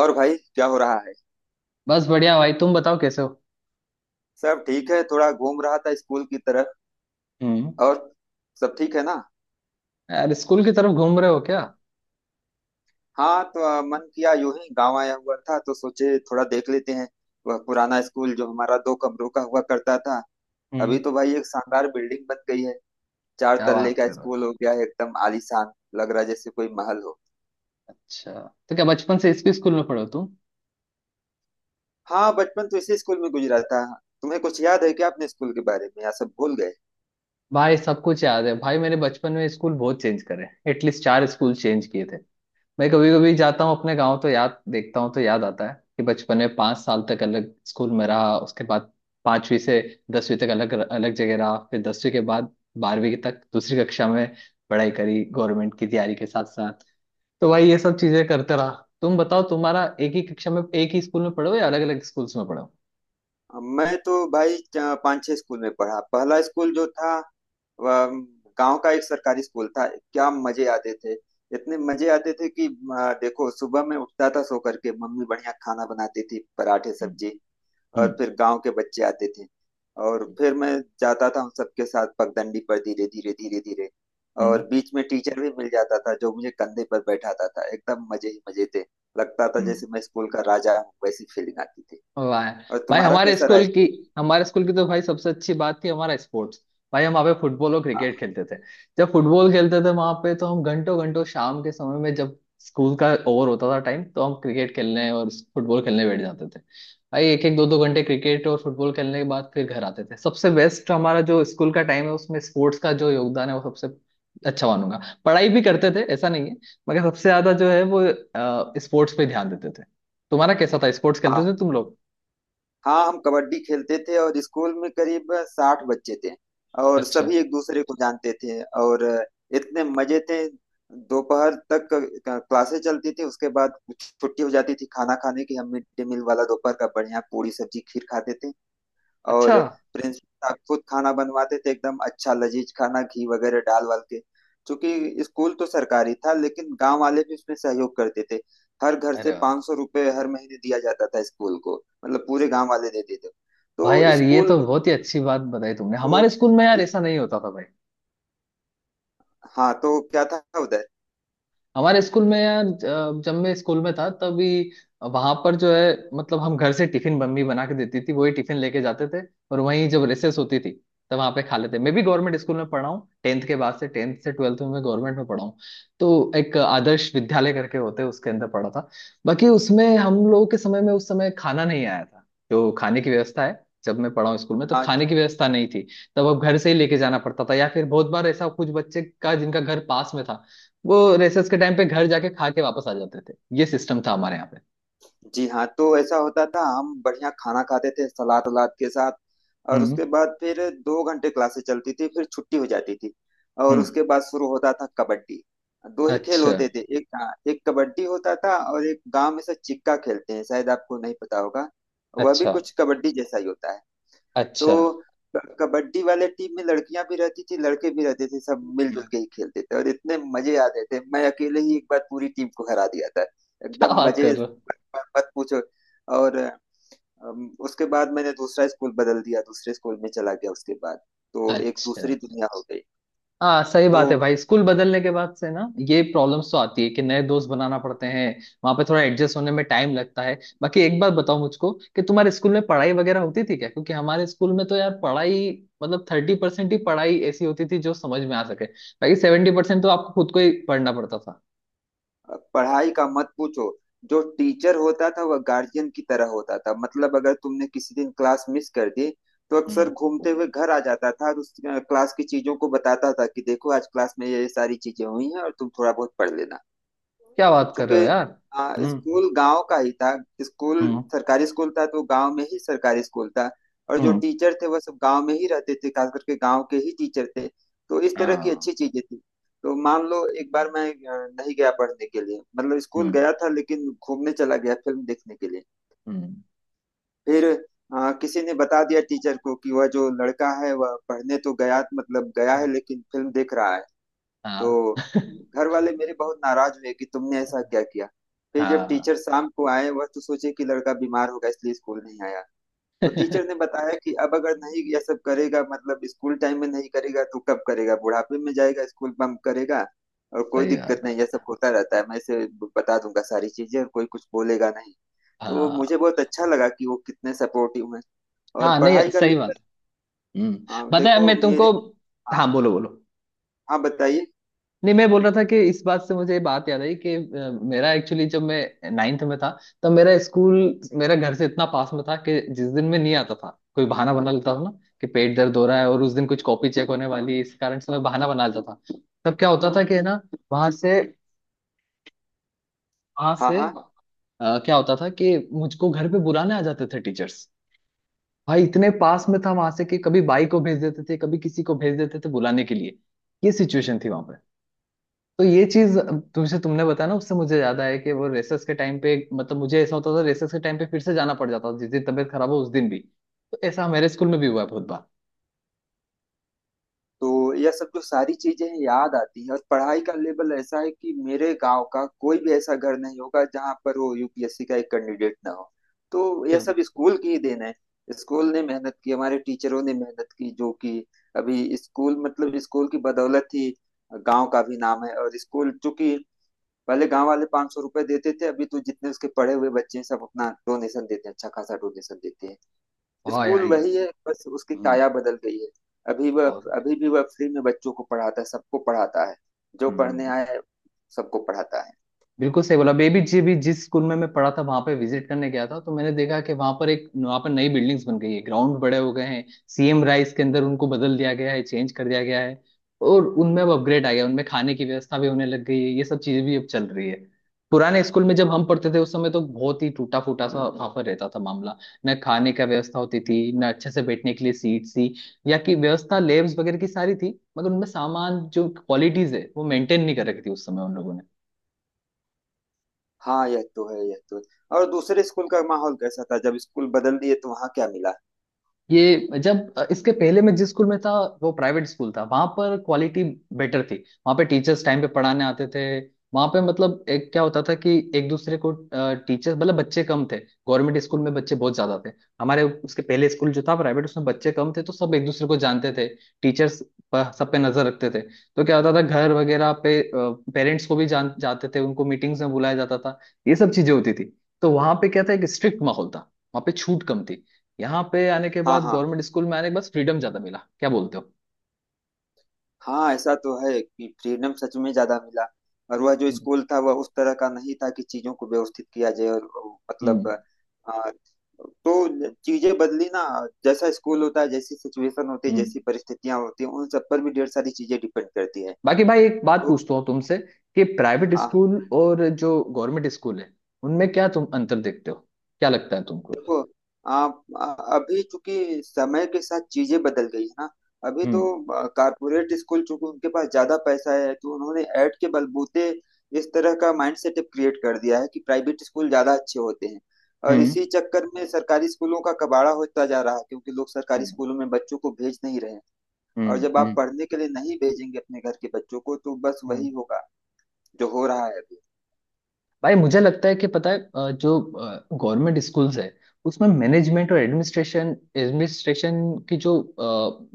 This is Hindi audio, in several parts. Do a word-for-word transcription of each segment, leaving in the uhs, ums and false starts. और भाई, क्या हो रहा है। बस बढ़िया भाई। तुम बताओ कैसे हो। सब ठीक है, थोड़ा घूम रहा था स्कूल की तरफ। हम्म। और सब ठीक है ना। यार स्कूल की तरफ घूम रहे हो क्या? हाँ, तो अ, मन किया, यूं ही गांव आया हुआ था तो सोचे थोड़ा देख लेते हैं। वह पुराना स्कूल जो हमारा दो कमरों का हुआ करता था, अभी हम्म। तो भाई एक शानदार बिल्डिंग बन गई है। चार क्या तल्ले बात का कर रहे हो। स्कूल हो गया है, एकदम आलीशान। लग रहा है जैसे कोई महल हो। अच्छा। तो क्या बचपन से इसी स्कूल में पढ़े हो तुम? हाँ, बचपन तो इसी स्कूल में गुजरा था। तुम्हें कुछ याद है क्या अपने स्कूल के बारे में, या सब भूल गए। भाई सब कुछ याद है। भाई मेरे बचपन में स्कूल बहुत चेंज करे, एटलीस्ट चार स्कूल चेंज किए थे। मैं कभी कभी जाता हूँ अपने गाँव, तो याद देखता हूँ तो याद आता है कि बचपन में पाँच साल तक अलग स्कूल में रहा, उसके बाद पांचवी से दसवीं तक अलग अलग जगह रहा, फिर दसवीं के बाद बारहवीं तक दूसरी कक्षा में पढ़ाई करी, गवर्नमेंट की तैयारी के साथ साथ। तो भाई ये सब चीजें करते रहा। तुम बताओ तुम्हारा एक ही कक्षा में एक ही स्कूल में पढ़े हो या अलग अलग स्कूल्स में पढ़े हो? अब मैं तो भाई च- पाँच छह स्कूल में पढ़ा। पहला स्कूल जो था, वह गांव का एक सरकारी स्कूल था। क्या मजे आते थे। इतने मजे आते थे कि आ, देखो, सुबह में उठता था, सो करके मम्मी बढ़िया खाना बनाती थी, पराठे हम्म, सब्जी। हम्म। और फिर गांव के बच्चे आते थे, और फिर मैं जाता था उन सबके साथ पगडंडी पर, धीरे धीरे धीरे धीरे। हम्म, और बीच में टीचर भी मिल जाता था जो मुझे कंधे पर बैठाता था, एकदम मजे ही मजे थे। लगता था हम्म। जैसे मैं स्कूल का राजा हूँ, वैसी फीलिंग आती थी। वाह। और भाई तुम्हारा हमारे कैसा रहा। स्कूल की हमारे स्कूल की तो भाई सबसे अच्छी बात थी हमारा स्पोर्ट्स। भाई हम वहाँ पे फुटबॉल और क्रिकेट खेलते थे। जब फुटबॉल खेलते थे वहां पे, तो हम घंटों घंटों शाम के समय में, जब स्कूल का ओवर होता था टाइम, तो हम क्रिकेट खेलने और फुटबॉल खेलने बैठ जाते थे। भाई एक एक दो दो घंटे क्रिकेट और फुटबॉल खेलने के बाद फिर घर आते थे। सबसे बेस्ट हमारा जो स्कूल का टाइम है उसमें स्पोर्ट्स का जो योगदान है वो सबसे अच्छा मानूंगा। पढ़ाई भी करते थे, ऐसा नहीं है, मगर सबसे ज्यादा जो है वो स्पोर्ट्स पे ध्यान देते थे। तुम्हारा कैसा था? स्पोर्ट्स खेलते वाह। थे तुम लोग? हाँ, हम कबड्डी खेलते थे और स्कूल में करीब साठ बच्चे थे, और अच्छा। सभी एक दूसरे को जानते थे। और इतने मजे थे। दोपहर तक क- क्लासें चलती थी, उसके बाद छुट्टी हो जाती थी खाना खाने की। हम मिड डे मील वाला दोपहर का बढ़िया पूरी सब्जी खीर खाते थे। अच्छा। और प्रिंसिपल साहब खुद खाना बनवाते थे, एकदम अच्छा लजीज खाना, घी वगैरह डाल वाल के। क्योंकि स्कूल तो सरकारी था, लेकिन गांव वाले भी उसमें सहयोग करते थे। हर घर अरे से वाह। पाँच सौ रुपये हर महीने दिया जाता था स्कूल को। मतलब पूरे गांव वाले देते थे भाई तो यार ये स्कूल। तो बहुत ही अच्छी बात बताई तुमने। तो हमारे स्कूल में यार ऐसा नहीं होता था भाई। हाँ, तो क्या था उधर। हमारे स्कूल में यार अ, जब मैं स्कूल में था तभी वहां पर जो है, मतलब हम घर से टिफिन मम्मी बना के देती थी, वही टिफिन लेके जाते थे। और वहीं जब रिसेस होती थी तब वहां पे खा लेते। मैं भी गवर्नमेंट स्कूल में पढ़ा हूँ, टेंथ के बाद से, टेंथ से ट्वेल्थ में मैं गवर्नमेंट में पढ़ा हूँ। तो एक आदर्श विद्यालय करके होते, उसके अंदर पढ़ा था। बाकी उसमें हम लोगों के समय में, उस समय खाना नहीं आया था। जो खाने की व्यवस्था है, जब मैं पढ़ा हूँ स्कूल में तब हाँ खाने की व्यवस्था नहीं थी। तब अब घर से ही लेके जाना पड़ता था, या फिर बहुत बार ऐसा कुछ बच्चे का जिनका घर पास में था, वो रेसेस के टाइम पे घर जाके खा के वापस आ जाते थे। ये सिस्टम था हमारे यहाँ पे। जी। हाँ, तो ऐसा होता था। हम बढ़िया खाना खाते थे, सलाद वलाद के साथ। और हम्म। उसके बाद फिर दो घंटे क्लासेस चलती थी, फिर छुट्टी हो जाती थी। और हम्म। उसके बाद शुरू होता था कबड्डी। दो ही खेल अच्छा। होते थे, एक एक कबड्डी होता था और एक गांव में से चिक्का खेलते हैं, शायद आपको नहीं पता होगा। वह भी अच्छा। कुछ कबड्डी जैसा ही होता है। तो अच्छा। क- कबड्डी वाले टीम में लड़कियां भी रहती थी, लड़के भी रहते थे, सब मिलजुल हम्म। के ही खेलते थे। और इतने मजे आते थे, मैं अकेले ही एक बार पूरी टीम को हरा दिया था। क्या एकदम बात मजे। कर रहे हो? मत मत पूछो। और अम, उसके बाद मैंने दूसरा स्कूल बदल दिया, दूसरे स्कूल में चला गया। उसके बाद तो एक अच्छा। दूसरी दुनिया हो गई। हाँ सही बात तो है भाई, स्कूल बदलने के बाद से ना ये प्रॉब्लम्स तो आती है कि नए दोस्त बनाना पड़ते हैं। वहां पे थोड़ा एडजस्ट होने में टाइम लगता है। बाकी एक बात बताओ मुझको कि तुम्हारे स्कूल में पढ़ाई वगैरह होती थी क्या? क्योंकि हमारे स्कूल में तो यार पढ़ाई, मतलब थर्टी परसेंट ही पढ़ाई ऐसी होती थी जो समझ में आ सके, बाकी सेवेंटी परसेंट तो आपको खुद को ही पढ़ना पड़ता था। पढ़ाई का मत पूछो। जो टीचर होता था वह गार्जियन की तरह होता था। मतलब अगर तुमने किसी दिन क्लास मिस कर दी, तो हम्म। अक्सर घूमते हुए घर आ जाता था और उस अ, क्लास की चीजों को बताता था कि देखो आज क्लास में ये ये सारी चीजें हुई हैं और तुम थोड़ा बहुत पढ़ लेना। क्या बात कर चूंकि रहे हो यार? आ, हम्म। स्कूल गांव का ही था। स्कूल हम्म। सरकारी स्कूल था, तो गांव में ही सरकारी स्कूल था। और जो हम्म। टीचर थे वह सब गांव में ही रहते थे, खास करके गांव के ही टीचर थे। तो इस तरह की हाँ। अच्छी चीजें थी। तो मान लो, एक बार मैं अ, नहीं गया पढ़ने के लिए, मतलब स्कूल हम्म। गया था लेकिन घूमने चला गया फिल्म देखने के लिए। हम्म। फिर अ, किसी ने बता दिया टीचर को कि वह जो लड़का है वह पढ़ने तो गया, मतलब गया है, हाँ। लेकिन फिल्म देख रहा है। तो हाँ। घर वाले मेरे बहुत नाराज हुए कि तुमने ऐसा क्या किया। फिर जब हाँ, टीचर शाम को आए, वह तो सोचे कि लड़का बीमार होगा इसलिए स्कूल नहीं आया। तो टीचर ने बताया कि अब अगर नहीं यह सब करेगा, मतलब स्कूल टाइम में नहीं करेगा, तो कब करेगा, बुढ़ापे में जाएगा स्कूल बंक करेगा। और कोई सही दिक्कत बात नहीं, यह है। सब होता रहता है, मैं इसे बता दूंगा सारी चीजें और कोई कुछ बोलेगा नहीं। तो मुझे बहुत हाँ। अच्छा लगा कि वो कितने सपोर्टिव हैं। और हाँ नहीं पढ़ाई का सही लेकर। बात है। हम्म हाँ, बताया देखो मैं तुमको। मेरे। हाँ हाँ, बोलो बोलो। हाँ, बताइए। नहीं मैं बोल रहा था कि इस बात से मुझे ये बात याद आई कि अ, मेरा एक्चुअली जब मैं नाइन्थ में था, तब मेरा स्कूल मेरा घर से इतना पास में था कि जिस दिन मैं नहीं आता था कोई बहाना बना लेता था ना, कि पेट दर्द हो रहा है और उस दिन कुछ कॉपी चेक होने वाली है, इस कारण से मैं बहाना बना लेता था। तब क्या होता था कि ना वहां से वहां हाँ से हाँ। अ, क्या होता था कि मुझको घर पे बुलाने आ जाते थे टीचर्स। भाई इतने पास में था वहां से कि कभी बाई को भेज देते थे, कभी किसी को भेज देते थे बुलाने के लिए। ये सिचुएशन थी वहां। तो ये चीज तुमसे तुमने बताया ना, उससे मुझे याद आया कि वो रेसेस के टाइम पे, मतलब मुझे ऐसा होता था रेसेस के टाइम पे फिर से जाना पड़ जाता था जिस दिन तबीयत खराब हो उस दिन भी। तो ऐसा मेरे स्कूल में भी हुआ है बहुत बार। तो यह सब जो सारी चीजें हैं, याद आती है। और पढ़ाई का लेवल ऐसा है कि मेरे गांव का कोई भी ऐसा घर नहीं होगा जहां पर वो यू पी एस सी का एक कैंडिडेट ना हो। तो यह क्या सब बात स्कूल की ही देन है। स्कूल ने मेहनत की, हमारे टीचरों ने मेहनत की, जो कि अभी स्कूल, मतलब स्कूल की बदौलत ही गांव का भी नाम है। और स्कूल, चूंकि पहले गांव वाले पांच सौ रुपए देते थे, अभी तो जितने उसके पढ़े हुए बच्चे हैं सब अपना डोनेशन देते हैं, अच्छा खासा डोनेशन देते हैं। है। हाँ स्कूल यार ये। वही है, बस उसकी हम्म। काया बदल गई है। अभी वह, बहुत बढ़िया। अभी भी वह फ्री में बच्चों को पढ़ाता है, सबको पढ़ाता है, जो पढ़ने हम्म। आए सबको पढ़ाता है। बिल्कुल सही बोला। बेबी जी भी जिस स्कूल में मैं पढ़ा था वहां पे विजिट करने गया था, तो मैंने देखा कि वहां पर एक वहां पर नई बिल्डिंग्स बन गई है, ग्राउंड बड़े हो गए हैं। सी एम राइस के अंदर उनको बदल दिया गया है, चेंज कर दिया गया है। और उनमें अब अपग्रेड आ गया, उनमें खाने की व्यवस्था भी होने लग गई है। ये सब चीजें भी अब चल रही है। पुराने स्कूल में जब हम पढ़ते थे उस समय तो बहुत ही टूटा फूटा सा वहां पर रहता था मामला। न खाने का व्यवस्था होती थी, न अच्छे से बैठने के लिए सीट थी। या कि व्यवस्था लेब्स वगैरह की सारी थी, मगर उनमें सामान जो क्वालिटीज है वो मेंटेन नहीं कर रखी थी उस समय उन लोगों ने। हाँ, यह तो है, यह तो है। और दूसरे स्कूल का माहौल कैसा था, जब स्कूल बदल दिए तो वहाँ क्या मिला। ये, जब इसके पहले मैं जिस स्कूल में था वो प्राइवेट स्कूल था, वहां पर क्वालिटी बेटर थी। वहां पे टीचर्स टाइम पे पढ़ाने आते थे। वहां पे मतलब एक क्या होता था कि एक दूसरे को टीचर्स, मतलब बच्चे कम थे, गवर्नमेंट स्कूल में बच्चे बहुत ज्यादा थे। हमारे उसके पहले स्कूल जो था प्राइवेट, उसमें बच्चे कम थे तो सब एक दूसरे को जानते थे। टीचर्स सब पे नजर रखते थे, तो क्या होता था घर वगैरह पे पेरेंट्स को भी जान जाते थे, उनको मीटिंग्स में बुलाया जाता था, ये सब चीजें होती थी। तो वहां पे क्या था, एक स्ट्रिक्ट माहौल था। वहां पे छूट कम थी। यहाँ पे आने के हाँ बाद, हाँ। गवर्नमेंट स्कूल में आने के बाद फ्रीडम ज्यादा मिला। क्या बोलते हो? हाँ, ऐसा तो है कि फ्रीडम सच में ज्यादा मिला। और वह जो हम्म। स्कूल था वह उस तरह का नहीं था कि चीजों को व्यवस्थित किया जाए और, मतलब हम्म। आ, तो चीजें बदली ना। जैसा स्कूल होता है, जैसी सिचुएशन होती है, हम्म। जैसी परिस्थितियां होती हैं, उन सब पर भी ढेर सारी चीजें डिपेंड करती है। बाकी भाई एक बात तो पूछता हूँ तुमसे कि प्राइवेट हाँ, स्कूल और जो गवर्नमेंट स्कूल है उनमें क्या तुम अंतर देखते हो? क्या लगता है तुमको? देखो, आप अ- अभी, चूंकि समय के साथ चीजें बदल गई है ना, अभी तो हम्म। कारपोरेट स्कूल, चूंकि उनके पास ज्यादा पैसा है, तो उन्होंने ऐड के बलबूते इस तरह का माइंडसेट क्रिएट कर दिया है कि प्राइवेट स्कूल ज्यादा अच्छे होते हैं। और हम्म। इसी चक्कर में सरकारी स्कूलों का कबाड़ा होता जा रहा है, क्योंकि लोग सरकारी हम्म। स्कूलों में बच्चों को भेज नहीं रहे हैं। और हम्म। जब आप हम्म। पढ़ने के लिए नहीं भेजेंगे अपने घर के बच्चों को, तो बस हम्म। वही होगा जो हो रहा है अभी। भाई मुझे लगता है कि पता है, अ, जो गवर्नमेंट स्कूल्स है उसमें मैनेजमेंट और एडमिनिस्ट्रेशन, एडमिनिस्ट्रेशन की जो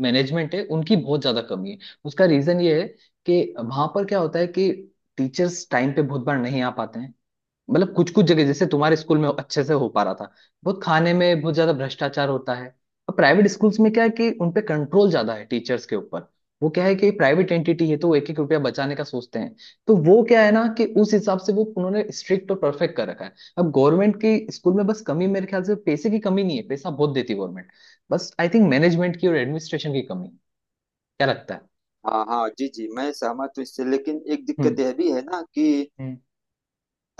मैनेजमेंट है उनकी बहुत ज्यादा कमी है। उसका रीजन ये है कि वहां पर क्या होता है कि टीचर्स टाइम पे बहुत बार नहीं आ पाते हैं। मतलब कुछ कुछ जगह जैसे तुम्हारे स्कूल में अच्छे से हो पा रहा था, बहुत खाने में बहुत ज्यादा भ्रष्टाचार होता है। और प्राइवेट स्कूल्स में क्या है कि उनपे कंट्रोल ज्यादा है टीचर्स के ऊपर। वो क्या है कि प्राइवेट एंटिटी है, तो वो एक एक रुपया बचाने का सोचते हैं। तो वो क्या है ना कि उस हिसाब से वो उन्होंने स्ट्रिक्ट और परफेक्ट कर रखा है। अब गवर्नमेंट की स्कूल में बस कमी मेरे ख्याल से पैसे की कमी नहीं है, पैसा बहुत देती है गवर्नमेंट। बस आई थिंक मैनेजमेंट की और एडमिनिस्ट्रेशन की कमी है। क्या लगता है? हाँ हाँ, जी जी, मैं सहमत हूँ इससे। लेकिन एक दिक्कत हम्म। यह भी है ना कि हम्म।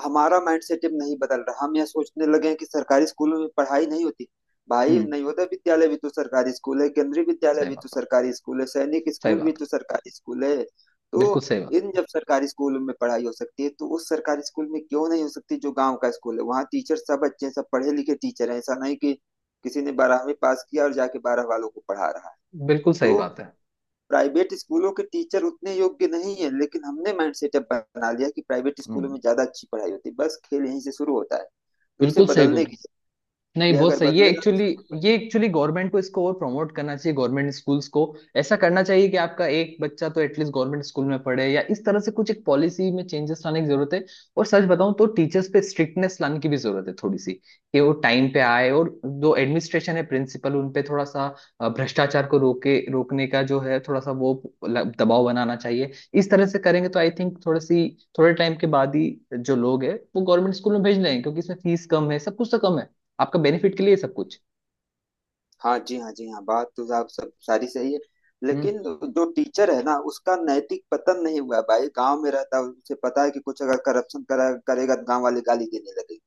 हमारा माइंड सेट अब नहीं बदल रहा। हम यह सोचने लगे हैं कि सरकारी स्कूलों में पढ़ाई नहीं होती। भाई, हम्म। नवोदय विद्यालय भी तो सरकारी स्कूल है, केंद्रीय विद्यालय सही भी तो बात। सरकारी स्कूल है, सैनिक सही स्कूल भी बात। तो सरकारी स्कूल है। तो बिल्कुल सही बात। इन जब सरकारी स्कूलों में पढ़ाई हो सकती है, तो उस सरकारी स्कूल में क्यों नहीं हो सकती जो गांव का स्कूल है। वहाँ टीचर सब अच्छे हैं, सब पढ़े लिखे टीचर हैं। ऐसा नहीं कि किसी ने बारहवीं पास किया और जाके बारह वालों को पढ़ा रहा है। बिल्कुल सही तो बात है। प्राइवेट स्कूलों के टीचर उतने योग्य नहीं है, लेकिन हमने माइंड सेटअप बना लिया कि प्राइवेट स्कूलों हम्म। में ज्यादा अच्छी पढ़ाई होती है। बस खेल यहीं से शुरू होता है। तो इसे बिल्कुल सही बोल बदलने रहे। की जरूरत नहीं है। बहुत अगर सही, ये बदलेगा तो एक्चुअली सब कुछ ये बदलेगा। एक्चुअली गवर्नमेंट को इसको और प्रमोट करना चाहिए गवर्नमेंट स्कूल्स को। ऐसा करना चाहिए कि आपका एक बच्चा तो एटलीस्ट गवर्नमेंट स्कूल में पढ़े, या इस तरह से कुछ एक पॉलिसी में चेंजेस लाने की जरूरत है। और सच बताऊं तो टीचर्स पे स्ट्रिक्टनेस लाने की भी जरूरत है थोड़ी सी, कि वो टाइम पे आए, और जो एडमिनिस्ट्रेशन है प्रिंसिपल उन पे थोड़ा सा अ, भ्रष्टाचार को रोके रोकने का जो है थोड़ा सा वो ल- दबाव बनाना चाहिए। इस तरह से करेंगे तो आई थिंक, थोड़ी सी, थोड़े टाइम के बाद ही जो लोग है वो गवर्नमेंट स्कूल में भेज लेंगे, क्योंकि इसमें फीस कम है, सब कुछ तो कम है। आपका बेनिफिट के लिए सब कुछ। हाँ जी, हाँ जी, हाँ, बात तो आप सब सारी सही है। हम्म। लेकिन जो टीचर है ना, उसका नैतिक पतन नहीं हुआ है। भाई गांव में रहता है, उसे पता है कि कुछ अगर करप्शन करा करेगा तो गांव वाले गाली देने लगेंगे।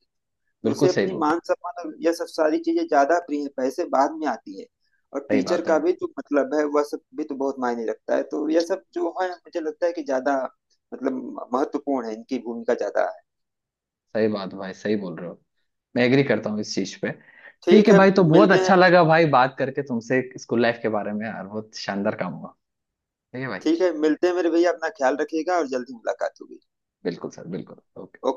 तो बिल्कुल उसे सही अपनी बोल रहे हो। मान सम्मान और यह सब सारी चीजें ज्यादा प्रिय, पैसे बाद में आती है। और सही टीचर बात है। का भी जो मतलब है वह सब भी तो बहुत मायने रखता है। तो यह सब जो है, मुझे लगता है कि ज्यादा, मतलब महत्वपूर्ण है, इनकी भूमिका ज्यादा है। सही बात भाई, सही बोल रहे हो। मैं एग्री करता हूँ इस चीज पे। ठीक ठीक है है, भाई, तो बहुत मिलते हैं अच्छा फिर। लगा भाई बात करके तुमसे स्कूल लाइफ के बारे में, यार बहुत शानदार काम हुआ। ठीक है भाई। ठीक है, मिलते हैं मेरे भैया, अपना ख्याल रखिएगा और जल्दी मुलाकात होगी। बिल्कुल सर, बिल्कुल। ओके। ओके।